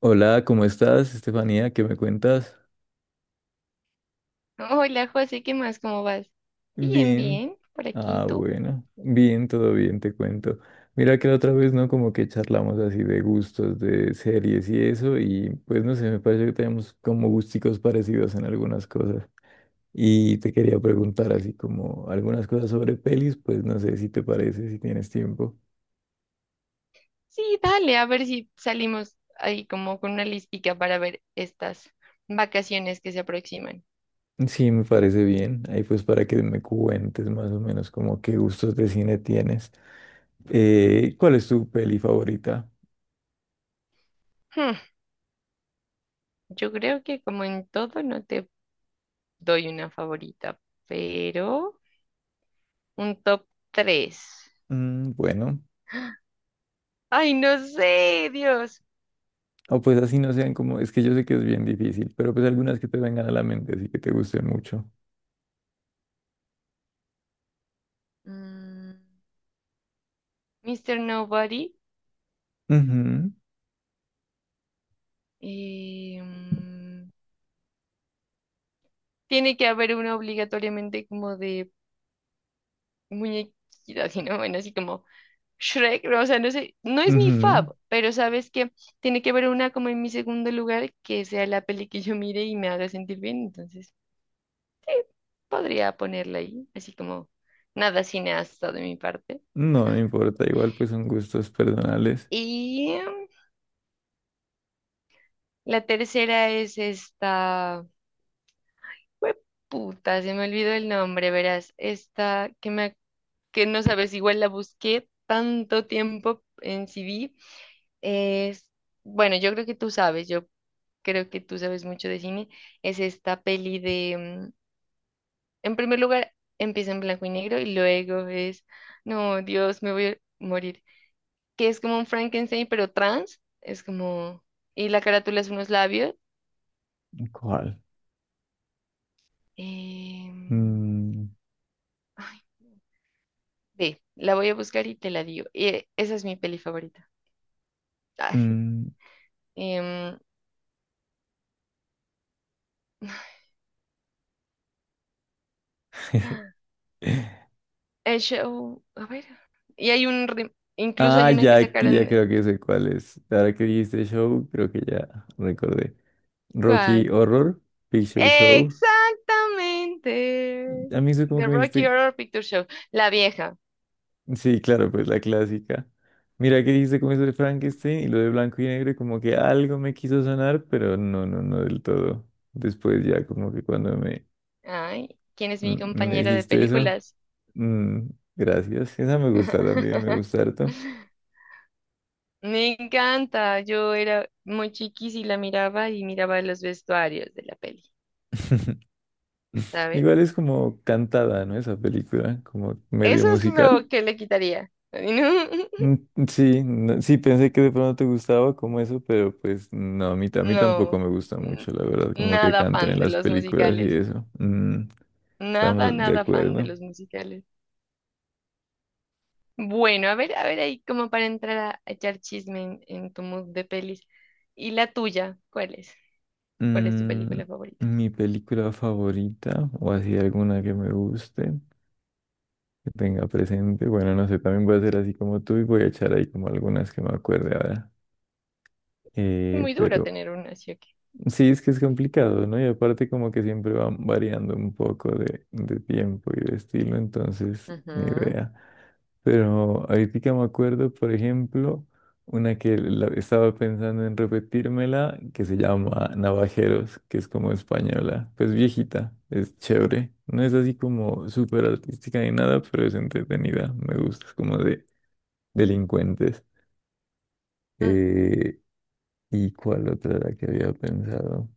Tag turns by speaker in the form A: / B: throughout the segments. A: Hola, ¿cómo estás, Estefanía? ¿Qué me cuentas?
B: Hola José, ¿qué más? ¿Cómo vas? Bien,
A: Bien.
B: bien, por aquí, ¿y
A: Ah,
B: tú?
A: bueno. Bien, todo bien, te cuento. Mira que la otra vez, ¿no? Como que charlamos así de gustos, de series y eso, y pues no sé, me parece que tenemos como gusticos parecidos en algunas cosas. Y te quería preguntar así como algunas cosas sobre pelis, pues no sé si te parece, si tienes tiempo.
B: Sí, dale, a ver si salimos ahí como con una listica para ver estas vacaciones que se aproximan.
A: Sí, me parece bien. Ahí pues para que me cuentes más o menos como qué gustos de cine tienes. ¿Cuál es tu peli favorita?
B: Hmm, yo creo que como en todo no te doy una favorita, pero un top 3.
A: Mm, bueno,
B: Ay, no sé, Dios.
A: o pues así no sean como, es que yo sé que es bien difícil, pero pues algunas que te vengan a la mente, así que te gusten mucho.
B: Mm, Mr. Nobody.
A: Ujú,
B: eh, mm, Tiene que haber una obligatoriamente como de muñequita, sino bueno, así como Shrek, no, o sea, no sé, no es mi fav,
A: ujú.
B: pero sabes que tiene que haber una como en mi segundo lugar que sea la peli que yo mire y me haga sentir bien, entonces podría ponerla ahí, así como nada cineasta de mi parte.
A: No, no importa, igual pues son gustos personales.
B: Y em, la tercera es esta, puta, se me olvidó el nombre, verás, que no sabes, igual la busqué tanto tiempo en CD, es, bueno, yo creo que tú sabes mucho de cine, es esta peli de, en primer lugar, empieza en blanco y negro y luego es, no, Dios, me voy a morir, que es como un Frankenstein, pero trans, es como, y la carátula es unos labios.
A: ¿Cuál?
B: em,
A: Mm,
B: Ay, ve, la voy a buscar y te la digo. Y esa es mi peli favorita. Ay,
A: mm.
B: em, el show, a ver. Y hay incluso
A: Ah,
B: hay una que
A: ya,
B: sacaron,
A: ya creo que sé cuál es. Ahora que dijiste show, creo que ya recordé. Rocky
B: ¿cuál?
A: Horror Picture Show.
B: Exactamente.
A: A mí eso como
B: The
A: que me
B: Rocky
A: dijiste,
B: Horror Picture Show. La vieja.
A: sí, claro, pues la clásica. Mira que dijiste como eso de Frankenstein y lo de blanco y negro, y como que algo me quiso sonar, pero no, no, no del todo. Después ya como que cuando me,
B: Ay, ¿quién es mi
A: me
B: compañera de
A: dijiste eso,
B: películas?
A: mm, gracias. Esa me gusta también, me gusta harto.
B: Me encanta. Yo era muy chiquis y la miraba y miraba los vestuarios de la peli, ¿sabes?
A: Igual es como cantada, ¿no? Esa película, como medio
B: Eso es lo
A: musical.
B: que le quitaría.
A: Mm, sí, sí, pensé que de pronto te gustaba como eso, pero pues no, a mí, a mí tampoco
B: No,
A: me gusta
B: no.
A: mucho,
B: n-
A: la verdad, como que
B: Nada
A: canten
B: fan
A: en
B: de
A: las
B: los
A: películas y
B: musicales.
A: eso. Mm,
B: Nada,
A: estamos de
B: nada fan de
A: acuerdo.
B: los musicales. Bueno, a ver ahí como para entrar a echar chisme en tu mood de pelis. ¿Y la tuya? ¿Cuál es? ¿Cuál es tu
A: Mm,
B: película favorita?
A: mi película favorita, o así alguna que me guste, que tenga presente, bueno, no sé, también voy a hacer así como tú y voy a echar ahí como algunas que me acuerde ahora.
B: Muy duro
A: Pero
B: tener una así aquí.
A: sí, es que es complicado, ¿no? Y aparte como que siempre van variando un poco de tiempo y de estilo, entonces ni
B: Ujú,
A: idea. Pero ahorita me acuerdo, por ejemplo, una que estaba pensando en repetírmela, que se llama Navajeros, que es como española, pues viejita, es chévere. No es así como súper artística ni nada, pero es entretenida, me gusta, es como de delincuentes.
B: ujú,
A: Eh, ¿Y cuál otra era que había pensado?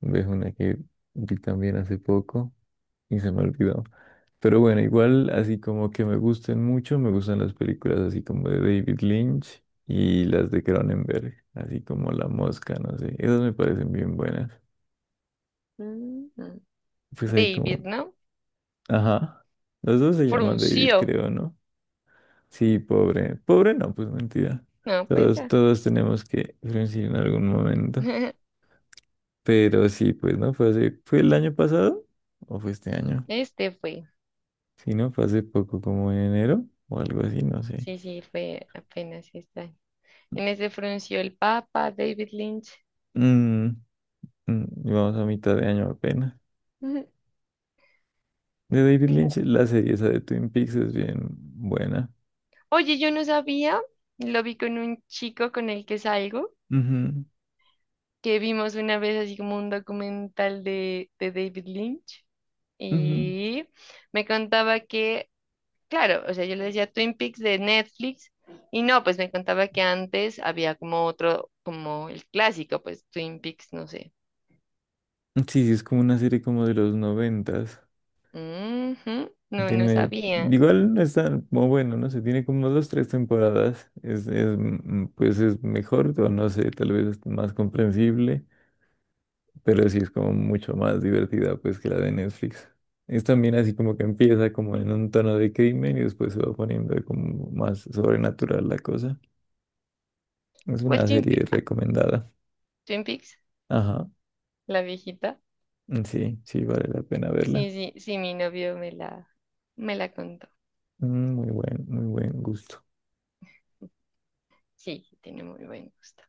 A: Ves una que vi también hace poco y se me olvidó. Pero bueno, igual así como que me gusten mucho, me gustan las películas así como de David Lynch y las de Cronenberg, así como La Mosca, no sé, esas me parecen bien buenas.
B: ujú.
A: Pues ahí como,
B: David, ¿no?
A: ajá, los dos se llaman David,
B: Frunció.
A: creo, ¿no? Sí, pobre, pobre no, pues mentira.
B: No, pues
A: Todos,
B: ya.
A: todos tenemos que coincidir en algún momento. Pero sí, pues no, fue hace, ¿fue el año pasado o fue este año?
B: Este fue.
A: Si no, fue hace poco, como en enero o algo así, no sé.
B: Sí, sí, fue apenas este año. En ese frunció el Papa, David Lynch.
A: Mm, mm, y vamos a mitad de año apenas. De David Lynch, la serie esa de Twin Peaks es bien buena.
B: Oye, yo no sabía, lo vi con un chico con el que salgo,
A: Ujú,
B: que vimos una vez así como un documental de David Lynch
A: ujú.
B: y me contaba que, claro, o sea, yo le decía Twin Peaks de Netflix y no, pues me contaba que antes había como otro, como el clásico, pues Twin Peaks, no sé.
A: Sí, sí, es como una serie como de los noventas.
B: Ujú, no, no
A: Tiene,
B: sabía.
A: igual no es tan como bueno, no sé, tiene como dos, tres temporadas. Pues es mejor, o no sé, tal vez es más comprensible. Pero sí es como mucho más divertida pues que la de Netflix. Es también así como que empieza como en un tono de crimen y después se va poniendo como más sobrenatural la cosa. Es
B: Igual
A: una serie recomendada.
B: Twin Peaks,
A: Ajá,
B: la viejita.
A: sí, sí, vale la pena verla.
B: Sí, sí, sí, mi novio me la contó.
A: Mm, muy buen, muy buen gusto.
B: Sí, tiene muy buen gusto.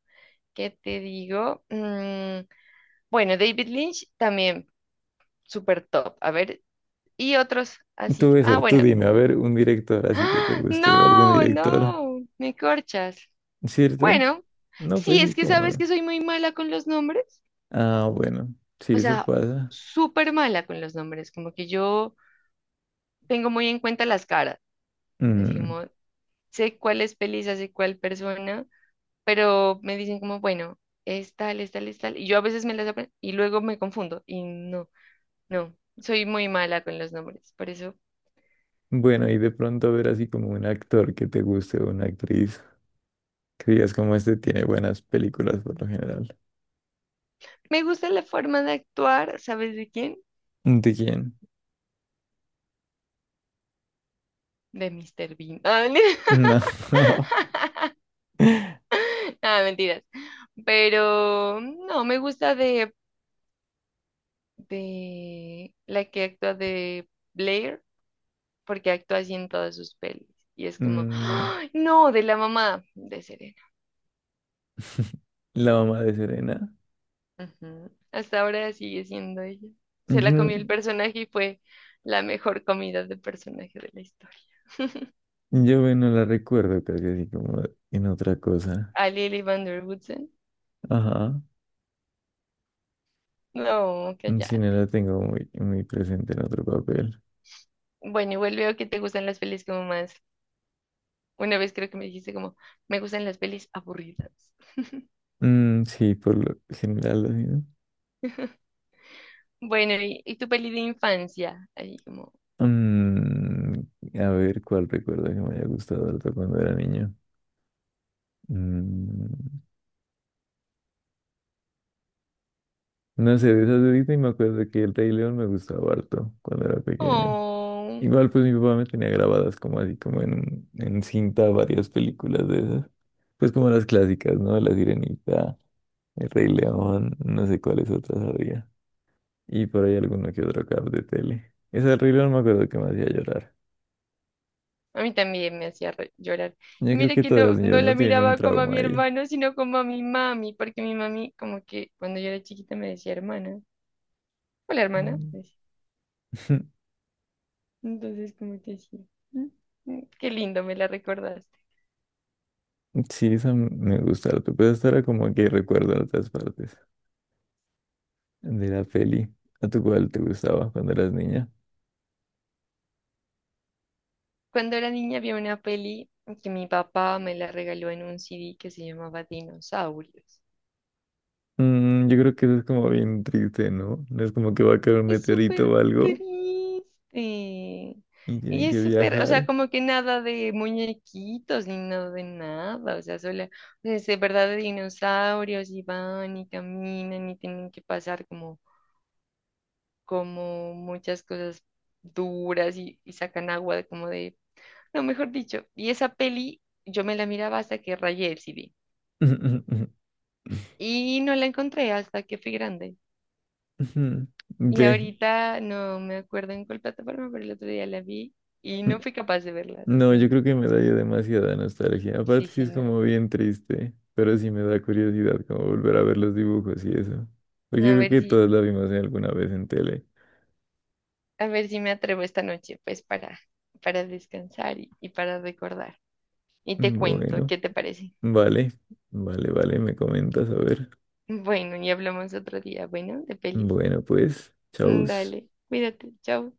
B: ¿Qué te digo? Mm, bueno, David Lynch también. Super top. A ver, y otros
A: Tú
B: así. Ah,
A: eso, tú
B: bueno.
A: dime, a ver, un director así que te
B: ¡Ah!
A: guste o algún
B: No,
A: director,
B: no, me corchas.
A: ¿cierto?
B: Bueno,
A: No, pues
B: sí,
A: sí,
B: es que sabes
A: como...
B: que soy muy mala con los nombres.
A: Ah, bueno, sí,
B: O sea,
A: eso pasa.
B: súper mala con los nombres. Como que yo tengo muy en cuenta las caras. Así
A: Mm,
B: como sé cuál es Pelisa, sé cuál persona, pero me dicen como, bueno, es tal, es tal, es tal. Y yo a veces me las aprendo y luego me confundo. Y no, no, soy muy mala con los nombres. Por eso
A: bueno, y de pronto ver así como un actor que te guste o una actriz, que digas como este tiene buenas películas por lo general.
B: me gusta la forma de actuar, ¿sabes de quién?
A: ¿De quién?
B: De Mr. Bean.
A: No, no.
B: Ah, nada, mentiras. Pero no, me gusta de la que actúa de Blair, porque actúa así en todas sus pelis. Y es como,
A: Mm,
B: ¡ay! No, de la mamá de Serena.
A: la mamá de Serena.
B: Ujú. Hasta ahora sigue siendo ella.
A: Yo,
B: Se la
A: no-
B: comió el personaje y fue la mejor comida de personaje de la historia.
A: yo bueno, la recuerdo casi así como en otra cosa.
B: A Lily Van Der Woodsen.
A: Ajá.
B: No,
A: Si no
B: cállate.
A: la tengo muy, muy presente en otro papel.
B: Bueno, igual veo que te gustan las pelis como más. Una vez creo que me dijiste como, me gustan las pelis aburridas.
A: Mm, sí, por lo general así, ¿no?
B: Bueno, y tu peli de infancia? Ahí como,
A: Mm, a ver cuál recuerdo que me haya gustado harto cuando era niño. Mm, no sé, de esas de Disney me acuerdo que el Rey León me gustaba harto cuando era pequeño.
B: oh,
A: Igual pues mi papá me tenía grabadas como así, como en cinta varias películas de esas. Pues como las clásicas, ¿no? La Sirenita, El Rey León, no sé cuáles otras había. Y por ahí alguno que otro cap de tele. Esa del Rey León me acuerdo que me hacía llorar.
B: a mí también me hacía llorar.
A: Yo
B: Y
A: creo
B: mira
A: que
B: que
A: todas las
B: no,
A: niñas
B: no
A: no
B: la
A: tienen un
B: miraba como a
A: trauma
B: mi
A: ahí.
B: hermano, sino como a mi mami, porque mi mami como que cuando yo era chiquita me decía hermana. Hola, hermana,
A: Mm.
B: me decía. Entonces como que sí. Mm, mm, qué lindo, me la recordaste.
A: Sí, esa me gusta harto, pero esta era como que recuerdo en otras partes de la peli. ¿A tu cuál te gustaba cuando eras niña?
B: Cuando era niña había una peli que mi papá me la regaló en un CD que se llamaba Dinosaurios.
A: Mm, yo creo que eso es como bien triste, ¿no? No es como que va a caer un
B: Es
A: meteorito
B: súper
A: o algo
B: triste.
A: y tienen
B: Ella es
A: que
B: súper, o sea,
A: viajar.
B: como que nada de muñequitos ni nada de nada, o sea, solo, o sea, es de verdad de dinosaurios y van y caminan y tienen que pasar como, como muchas cosas duras y sacan agua de como de, no, mejor dicho, y esa peli yo me la miraba hasta que rayé el CD y no la encontré hasta que fui grande. Y
A: Ve.
B: ahorita no me acuerdo en cuál plataforma, pero el otro día la vi y no fui capaz de verla, te
A: No, yo
B: cuento.
A: creo que me da ya demasiada nostalgia. Aparte
B: Sí,
A: sí
B: sí,
A: es
B: no.
A: como bien triste, pero sí me da curiosidad como volver a ver los dibujos y eso. Porque yo
B: A
A: creo
B: ver
A: que
B: si,
A: todos la vimos en alguna vez en tele.
B: a ver si me atrevo esta noche, pues para descansar y para recordar. Y te cuento,
A: Bueno,
B: ¿qué te parece?
A: vale, vale, vale, me comentas, a ver.
B: Bueno, y hablamos otro día, bueno, de pelis.
A: Bueno, pues, chau.
B: Mm, dale, cuídate, chao.